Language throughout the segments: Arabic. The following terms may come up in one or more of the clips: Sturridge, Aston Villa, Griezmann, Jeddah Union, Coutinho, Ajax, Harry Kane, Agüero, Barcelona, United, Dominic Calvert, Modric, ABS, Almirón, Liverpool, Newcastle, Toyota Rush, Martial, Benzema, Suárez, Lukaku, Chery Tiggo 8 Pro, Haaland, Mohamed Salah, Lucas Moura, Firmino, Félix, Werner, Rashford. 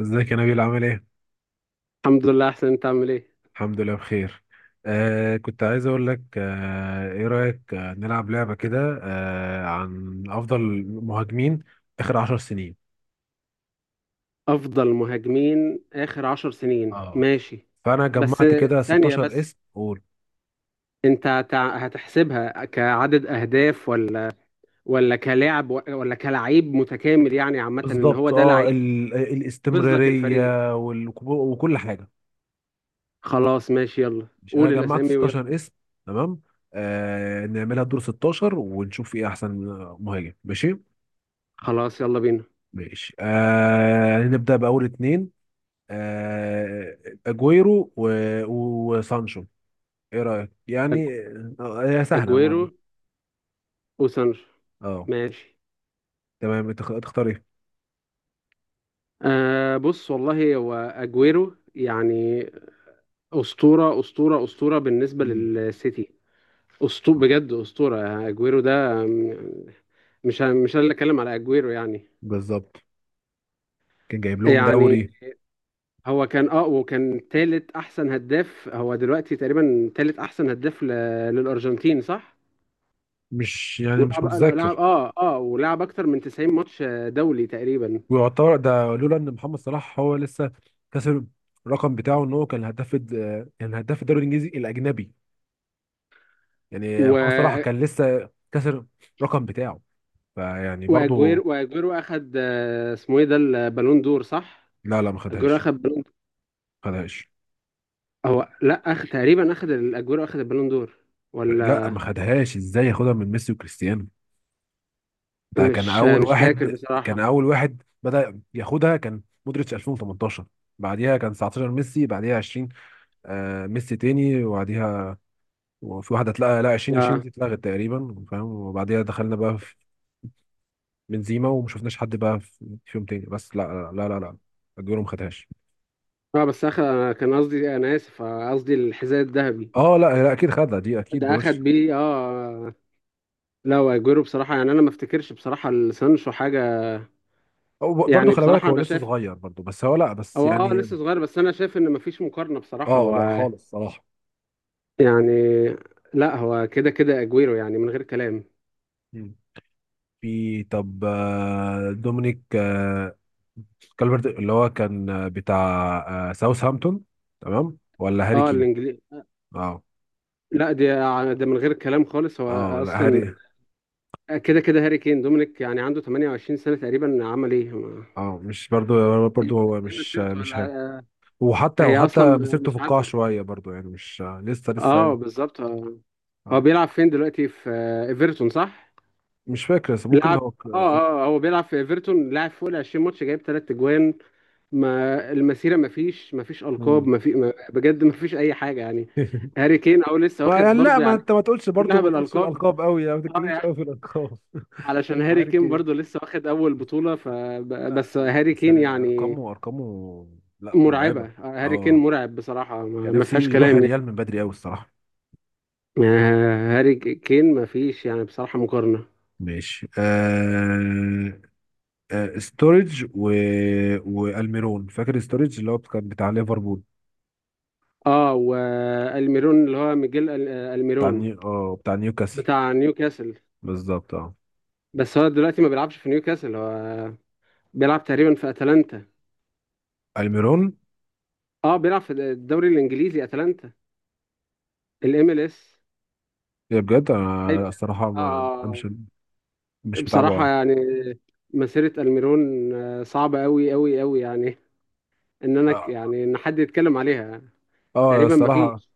ازيك يا نبيل، عامل ايه؟ الحمد لله احسن. انت عامل ايه؟ الحمد لله بخير. كنت عايز اقول لك، ايه رأيك نلعب لعبة كده عن افضل مهاجمين اخر 10 سنين. افضل مهاجمين اخر عشر سنين، اه ماشي. فانا بس جمعت كده ثانية 16 بس. اسم. قول. انت هتحسبها كعدد اهداف ولا كلاعب ولا كلعيب متكامل؟ يعني عامة ان هو بالظبط، ده لعيب ينقذ لك الفريق. الاستمرارية وال وكل حاجة. خلاص ماشي، يلا مش، انا قول جمعت الاسامي ويلا. 16 اسم. تمام. نعملها دور 16 ونشوف ايه احسن مهاجم، ماشي؟ خلاص يلا بينا. ماشي، نبدأ بأول اتنين. آه، اجويرو و... و- وسانشو. ايه رايك أج- يعني؟ هي سهله اجويرو برضه. وسانشو. اه. ماشي. تمام، تختار ايه؟ بص والله هو اجويرو يعني اسطورة اسطورة اسطورة بالنسبة مم. للسيتي. اسطوره، آه، بجد اسطوره يعني. اجويرو ده. مش انا اللي اتكلم على اجويرو يعني. بالظبط. كان جايب لهم يعني دوري. هو كان اه وكان تالت احسن هداف، هو دلوقتي تقريبا تالت احسن هداف. للارجنتين، صح؟ مش يعني مش ولعب لعب متذكر. اه اه ولعب اكتر من 90 ماتش، دولي تقريبا. ويعتبر ده، لولا ان محمد صلاح هو لسه كسر الرقم بتاعه، ان هو كان هداف الدوري الانجليزي الاجنبي. يعني و... محمد صلاح كان لسه كسر الرقم بتاعه. فيعني برضه. واجويرو اخد، اسمه ايه ده، البالون دور، صح؟ لا لا، ما اجويرو خدهاش. اخد بالون. ما خدهاش. هو لا، اخد تقريبا، الاجويرو اخد البالون دور لا، ولا؟ ما خدهاش. ازاي ياخدها من ميسي وكريستيانو؟ ده كان مش اول مش فاكر واحد، بصراحة. بدأ ياخدها، كان مودريتش 2018. بعديها كان 19 ميسي، بعديها 20. ميسي تاني، وبعديها وفي واحده اتلغى، لا 2020 اه دي اتلغت تقريبا، فاهم؟ وبعديها دخلنا بقى في بنزيما، وما شفناش حد بقى فيهم تاني. بس لا لا لا لا، لا. اجويرو ما خدهاش. اه بس اخد، انا كان قصدي، انا اسف، قصدي الحذاء الذهبي. اه لا لا، اكيد خدها دي، اكيد ده اخد دوش. بيه اه لا، واجويرو بصراحه يعني انا ما افتكرش بصراحه لسانشو حاجه. هو برضه يعني خلي بالك، بصراحه هو انا لسه شايف، صغير برضه، بس هو لا، بس هو يعني. لسه صغير، بس انا شايف ان مفيش مقارنه بصراحه، اه لا هو خالص صراحه. يعني، لا هو كده كده اجويرو، يعني من غير كلام. مم. في، طب، دومينيك، كالفرت اللي هو كان بتاع ساوثهامبتون. تمام، ولا هاري اه كين؟ الانجليزي. اه. لا، دي، ده من غير كلام خالص، هو اه، لا اصلا هاري كده كده هاري كين، دومينيك يعني عنده 28 سنه تقريبا، عمل ايه؟ اه مش برضو. برضو هو ايه مش مسيرته مش ولا؟ هاري. وحتى هي وحتى اصلا مسيرته مش في القاع عادله. شويه برضو، يعني مش، لسه اه يعني. بالظبط. هو آه. بيلعب فين دلوقتي، في ايفرتون، صح؟ مش فاكر، بس ممكن لعب هو اه اه هو بيلعب في ايفرتون، لعب فوق ال 20 ماتش جايب ثلاث اجوان. ما المسيره، ما فيش القاب، مم. ما في، ما، بجد ما فيش اي حاجه يعني، هاري كين او لسه ما واخد يعني، لا برضه ما يعني. انت ما تقولش كلها برضو، ما تقولش بالالقاب. الالقاب قوي، يعني ما اه تتكلمش قوي يعني في الالقاب. علشان هاري هاري كين كين، برضه لسه واخد اول بطوله، آه، فبس هاري بس لا كين لا، يعني، ارقامه ارقامه، لا مرعبه. مرعبه. هاري كين اه، مرعب بصراحه، ما كان ما نفسي فيهاش يروح كلام يعني. الريال من بدري قوي الصراحه. هاري كين، ما فيش يعني بصراحه مقارنه. ماشي. ستورج و... والميرون. فاكر ستورج اللي هو كان بتاع ليفربول؟ اه والميرون اللي هو ميجيل بتاع الميرون نيو اه بتاع نيوكاسل. بتاع نيوكاسل. بالظبط اه. بس هو دلوقتي ما بيلعبش في نيوكاسل، هو بيلعب تقريبا في اتلانتا. الميرون. اه بيلعب في الدوري الانجليزي، اتلانتا، MLS. يا بجد، ايوه. انا الصراحه ما اه. مش مش بصراحة متابعه. يعني مسيرة الميرون، صعبة قوي قوي قوي يعني، اه، يعني ان حد يتكلم عليها تقريبا، ما الصراحه فيش.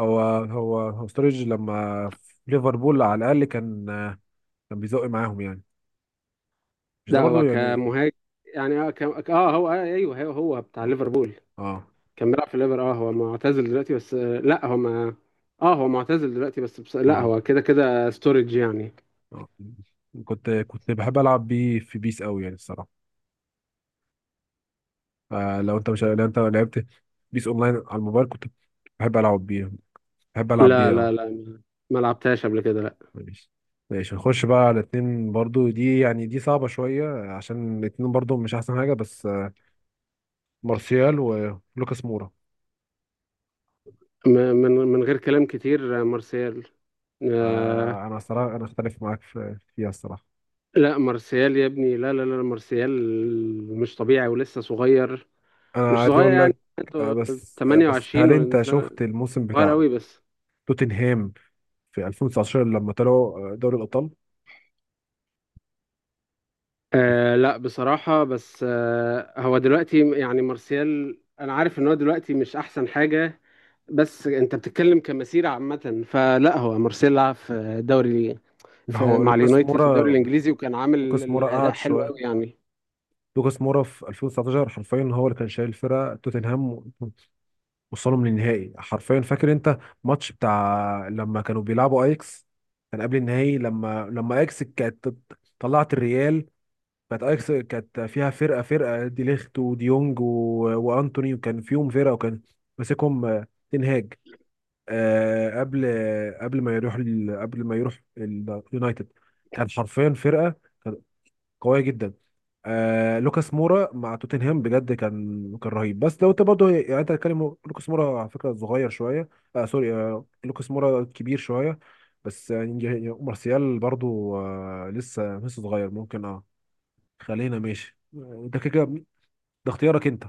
هو ستورج لما في ليفربول على الاقل كان، كان بيزق معاهم يعني. مش ده ده برضو هو يعني؟ كمهاجم يعني، اه هو ايوه، هو، هو بتاع ليفربول، اه كان بيلعب في الليفر. اه هو معتزل دلوقتي، بس لا، هو ما، اه هو معتزل دلوقتي، بس لا، اه. هو كده كده ستورج يعني. آه. كنت بحب العب بيه في بيس قوي يعني الصراحه. فلو انت مش لو انت لعبت بيس اونلاين على الموبايل، كنت بحب العب بيها. بحب العب لا، بيها، اه. لا، لا، ما لعبتهاش قبل كده، لا. ماشي. ماشي، نخش بقى على اتنين برضو. دي صعبة شوية، عشان الاتنين برضو مش أحسن حاجة، بس. مارسيال ولوكاس مورا. من غير كلام كتير، مارسيال. آه أنا الصراحة، أختلف معاك فيها الصراحة. لا، مارسيال يا ابني، لا، لا، لا، مارسيال مش طبيعي ولسه صغير، أنا مش عايز صغير أقول يعني، لك، عنده بس هل 28 أنت سنة، شفت الموسم صغير بتاع قوي بس. توتنهام في 2019 لما طلعوا دوري الأبطال؟ لا بصراحة، بس هو دلوقتي يعني مارسيال، أنا عارف إن هو دلوقتي مش أحسن حاجة، بس انت بتتكلم كمسيره عامه، فلا، هو مارسيل لعب في دوري، هو مع لوكاس اليونايتد في الدوري مورا، الانجليزي، وكان عامل لوكاس مورا الاداء قعد حلو شوية. قوي يعني. لوكاس مورا في 2019 حرفيا هو اللي كان شايل الفرقه، توتنهام وصلهم للنهائي حرفيا. فاكر انت ماتش بتاع لما كانوا بيلعبوا اياكس؟ كان قبل النهائي لما اياكس كانت طلعت الريال. كانت اياكس كانت فيها فرقه، فرقه دي ليخت وديونج و... وانتوني، وكان فيهم فرقه، وكان ماسكهم تنهاج، قبل، قبل ما يروح ال... قبل ما يروح اليونايتد. كان حرفيا فرقه قويه جدا. لوكاس مورا مع توتنهام بجد كان، رهيب. بس لو انت برضه، يعني انت هتتكلم، لوكاس مورا على فكره صغير شويه. سوري، لوكاس مورا كبير شويه. بس يعني، مارسيال برضه لسه، صغير ممكن، اه. خلينا ماشي، ده ده اختيارك انت،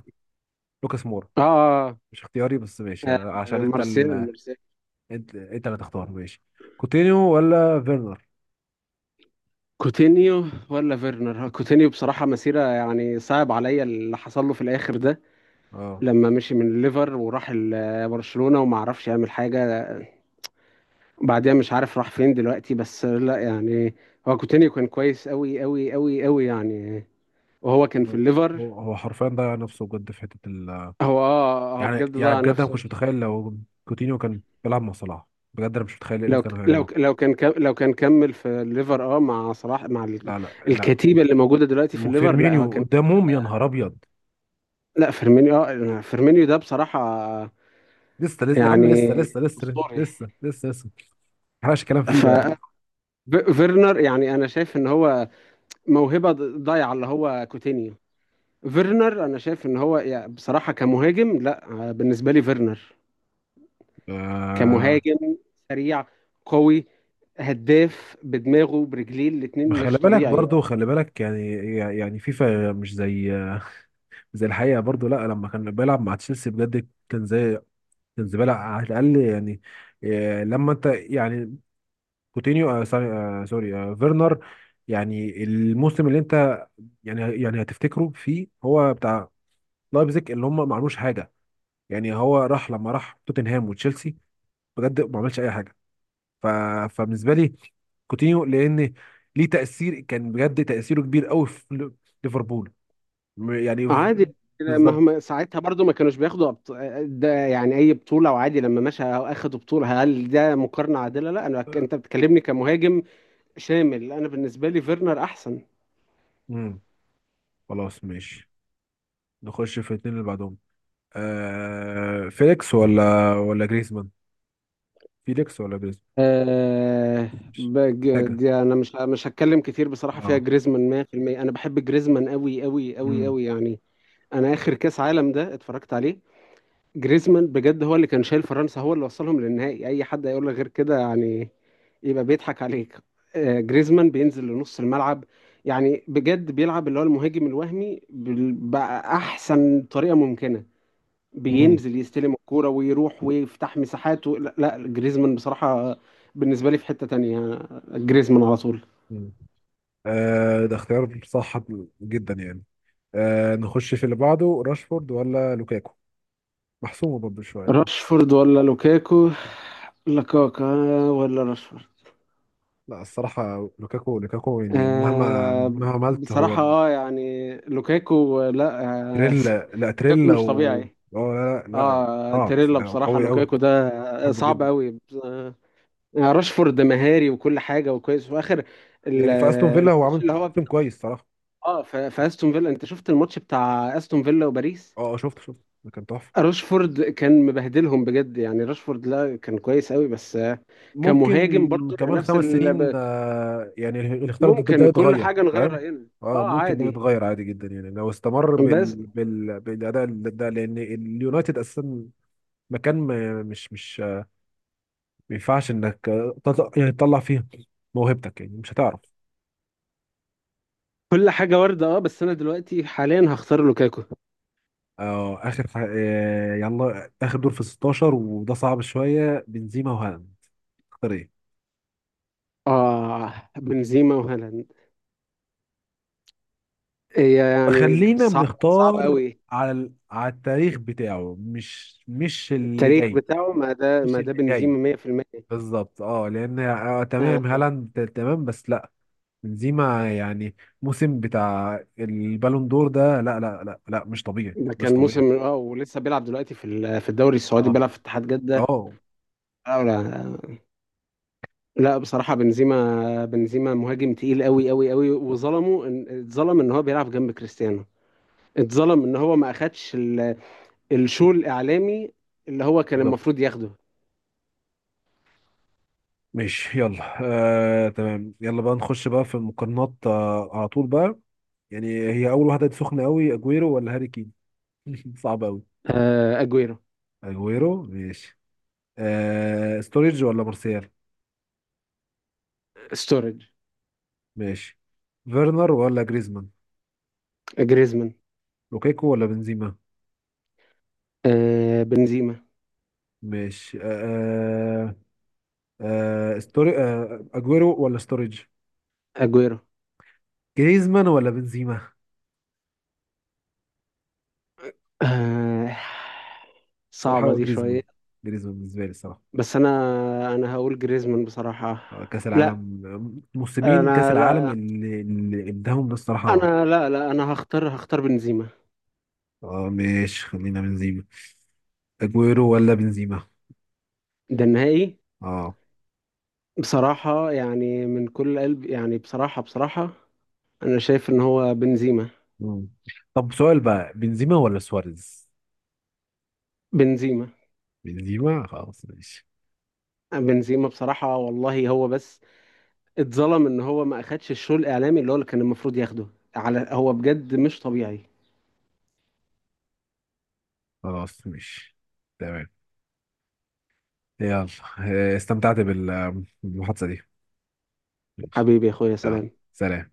لوكاس مورا. اه مش اختياري، بس ماشي اه يعني، عشان انت مارسيال مارسيال. انت اللي تختار، ماشي. كوتينيو ولا فيرنر؟ كوتينيو ولا فيرنر؟ كوتينيو. بصراحه مسيره يعني صعب عليا اللي حصل له في الاخر ده، اه. لما مشي من الليفر وراح برشلونه وما عرفش يعمل حاجه، بعدها مش عارف راح فين دلوقتي، بس لا يعني، هو كوتينيو كان كويس قوي قوي قوي قوي يعني، وهو كان في الليفر. هو حرفيا ضيع نفسه بجد في حته. هو يعني، بجد ضيع بجد انا ما نفسه. كنتش متخيل، لو كوتينيو كان بيلعب مع صلاح، بجد انا مش متخيل ايه اللي لو ك- كانوا لو ك- هيعملوه. لو كان كم- لو كان كمل في الليفر، مع صلاح، لا لا لا، الكتيبه اللي موجوده دلوقتي في الليفر، لا هو وفيرمينيو كان، قدامهم، يا نهار ابيض. لا فيرمينيو، فيرمينيو ده بصراحه لسه لسه يا عم، يعني لسه لسه لسه. اسطوري. لسه لسه لسه، ما حلاش كلام فيه ف ده. ف- فيرنر يعني انا شايف ان هو موهبه ضايعه اللي هو كوتينيو. فيرنر انا شايف ان هو يعني بصراحه كمهاجم، لا، بالنسبه لي فيرنر آه كمهاجم سريع، قوي، هداف بدماغه برجليه ما الاتنين، خلي مش بالك طبيعي. برضو، خلي بالك، يعني يعني فيفا مش زي، زي الحقيقه برضو. لا لما كان بيلعب مع تشيلسي بجد كان زي، كان زباله على الاقل يعني. لما انت يعني، كوتينيو آه سوري، فيرنر، يعني الموسم اللي انت، يعني، هتفتكروا في، هو بتاع لايبزيج، اللي هم ما عملوش حاجه. يعني هو راح، لما راح توتنهام وتشيلسي بجد ما عملش اي حاجه. ف... فبالنسبه لي، كوتينيو لان ليه تاثير، كان بجد تاثيره كبير قوي في ليفربول، م- يعني في- عادي بالظبط. مهما ساعتها برضو ما كانوش بياخدوا. ده يعني اي بطوله، وعادي لما مشى اخدوا بطوله. هل ده مقارنه عادله؟ لا، انت بتكلمني كمهاجم شامل، انا بالنسبه لي فيرنر احسن. امم خلاص ماشي، نخش في الاثنين اللي بعدهم. فيليكس ولا جريزمان؟ فيليكس ولا جريزمان؟ أه... مش محتاجه. دي انا مش هتكلم كتير، بصراحه فيها اه. جريزمان 100%. انا بحب جريزمان قوي قوي قوي قوي يعني، انا اخر كاس عالم ده اتفرجت عليه، جريزمان بجد هو اللي كان شايل فرنسا، هو اللي وصلهم للنهائي. اي حد هيقول لك غير كده يعني يبقى بيضحك عليك. جريزمان بينزل لنص الملعب، يعني بجد بيلعب اللي هو المهاجم الوهمي بأحسن طريقة ممكنة، بينزل يستلم الكورة ويروح ويفتح مساحات لا، لا، جريزمان بصراحة بالنسبة لي في حتة تانية. جريزمان على طول. امم ده اختيار صح جدا يعني. نخش في اللي بعده، راشفورد ولا لوكاكو؟ محسومة برضه شوية يعني. راشفورد ولا لوكاكو؟ لوكاكا ولا راشفورد؟ لا الصراحة، لوكاكو لوكاكو يعني، آه مهما عملت هو، بصراحة، يعني لوكاكو، لا، آه تريل. لا، لوكاكو تريل مش و... طبيعي. اه لا لا لا. اه اه بس تيريلا، بصراحة قوي قوي، لوكاكو ده بحبه صعب جدا. قوي. آه راشفورد مهاري وكل حاجة وكويس، وفي آخر ال- يعني في استون فيلا هو الماتش عامل اللي هو بتاع، سيزون كويس صراحة. اه في استون فيلا، انت شفت الماتش بتاع استون فيلا وباريس؟ اه، شفت ده كان تحفة. راشفورد كان مبهدلهم بجد يعني. راشفورد لا كان كويس قوي، بس كمهاجم ممكن برضه كمان نفس خمس ال... سنين يعني اللي اختار ده ممكن كل يتغير، حاجة نغير فاهم؟ رأينا، اه، ممكن ده عادي. يتغير عادي جدا يعني، لو استمر بس بالاداء ده، لان اليونايتد اساسا مكان ما، مش، مش، ما ينفعش انك، تطلع فيه موهبتك، يعني مش هتعرف. كل حاجة وردة، بس أنا دلوقتي حاليا هختار لوكاكو. اه، اخر ح... آه، يلا اخر دور في 16، وده صعب شويه، بنزيما وهالاند، تختار ايه؟ اه بنزيما وهالاند، هي يعني خلينا صعب، صعب بنختار قوي. على التاريخ بتاعه، مش، اللي التاريخ جاي، بتاعه ما ده مش ما ده اللي جاي. بنزيما 100%. بالظبط اه، لان تمام هالاند تمام، بس لا، بنزيما يعني، موسم بتاع البالون دور ده، لا لا لا لا مش طبيعي، ده كان مش طبيعي. موسم، ولسه بيلعب دلوقتي في الدوري السعودي، اه بيلعب في اتحاد جدة. اه، لا لا، لا، بصراحة بنزيما، بنزيما مهاجم تقيل قوي قوي قوي، وظلمه، اتظلم ان هو بيلعب جنب كريستيانو، اتظلم ان هو ما اخدش الشو الاعلامي اللي هو كان بالظبط، المفروض ياخده. ماشي يلا. تمام يلا بقى، نخش بقى في المقارنات على طول بقى، يعني. هي اول واحده سخنه قوي، اجويرو ولا هاري كين؟ صعب قوي. اجويرو. اجويرو ماشي. ستوريج ولا مارسيال؟ ستورج. ماشي. فيرنر ولا جريزمان؟ جريزمان. لوكاكو ولا بنزيما؟ بنزيما. ماشي. آه آه، آه ستوري آه اجويرو ولا ستوريج؟ اجويرو. جريزمان ولا بنزيما؟ آه صراحة صعبة هو دي جريزمان، شوية. جريزمان بالنسبة لي الصراحة. بس انا هقول جريزمان بصراحة. كأس لا، العالم، موسمين كأس انا العالم لا، اللي اداهم ده الصراحة. انا لا، لا، انا هختار بنزيما. اه ماشي، خلينا بنزيما. اجويرو ولا بنزيما؟ ده النهائي. اه. بصراحة يعني من كل قلب يعني، بصراحة بصراحة انا شايف ان هو بنزيما. مم. طب سؤال بقى، بنزيما ولا سواريز؟ بنزيما. بنزيما، خلاص ماشي. بنزيما بصراحة والله، هو بس اتظلم ان هو ما اخدش الشو الاعلامي اللي كان المفروض ياخده. على، هو بجد مش طبيعي. خلاص ماشي، تمام، يلا. استمتعت بالمحادثة دي. ماشي، حبيبي يا اخويا، يلا، سلام. سلام.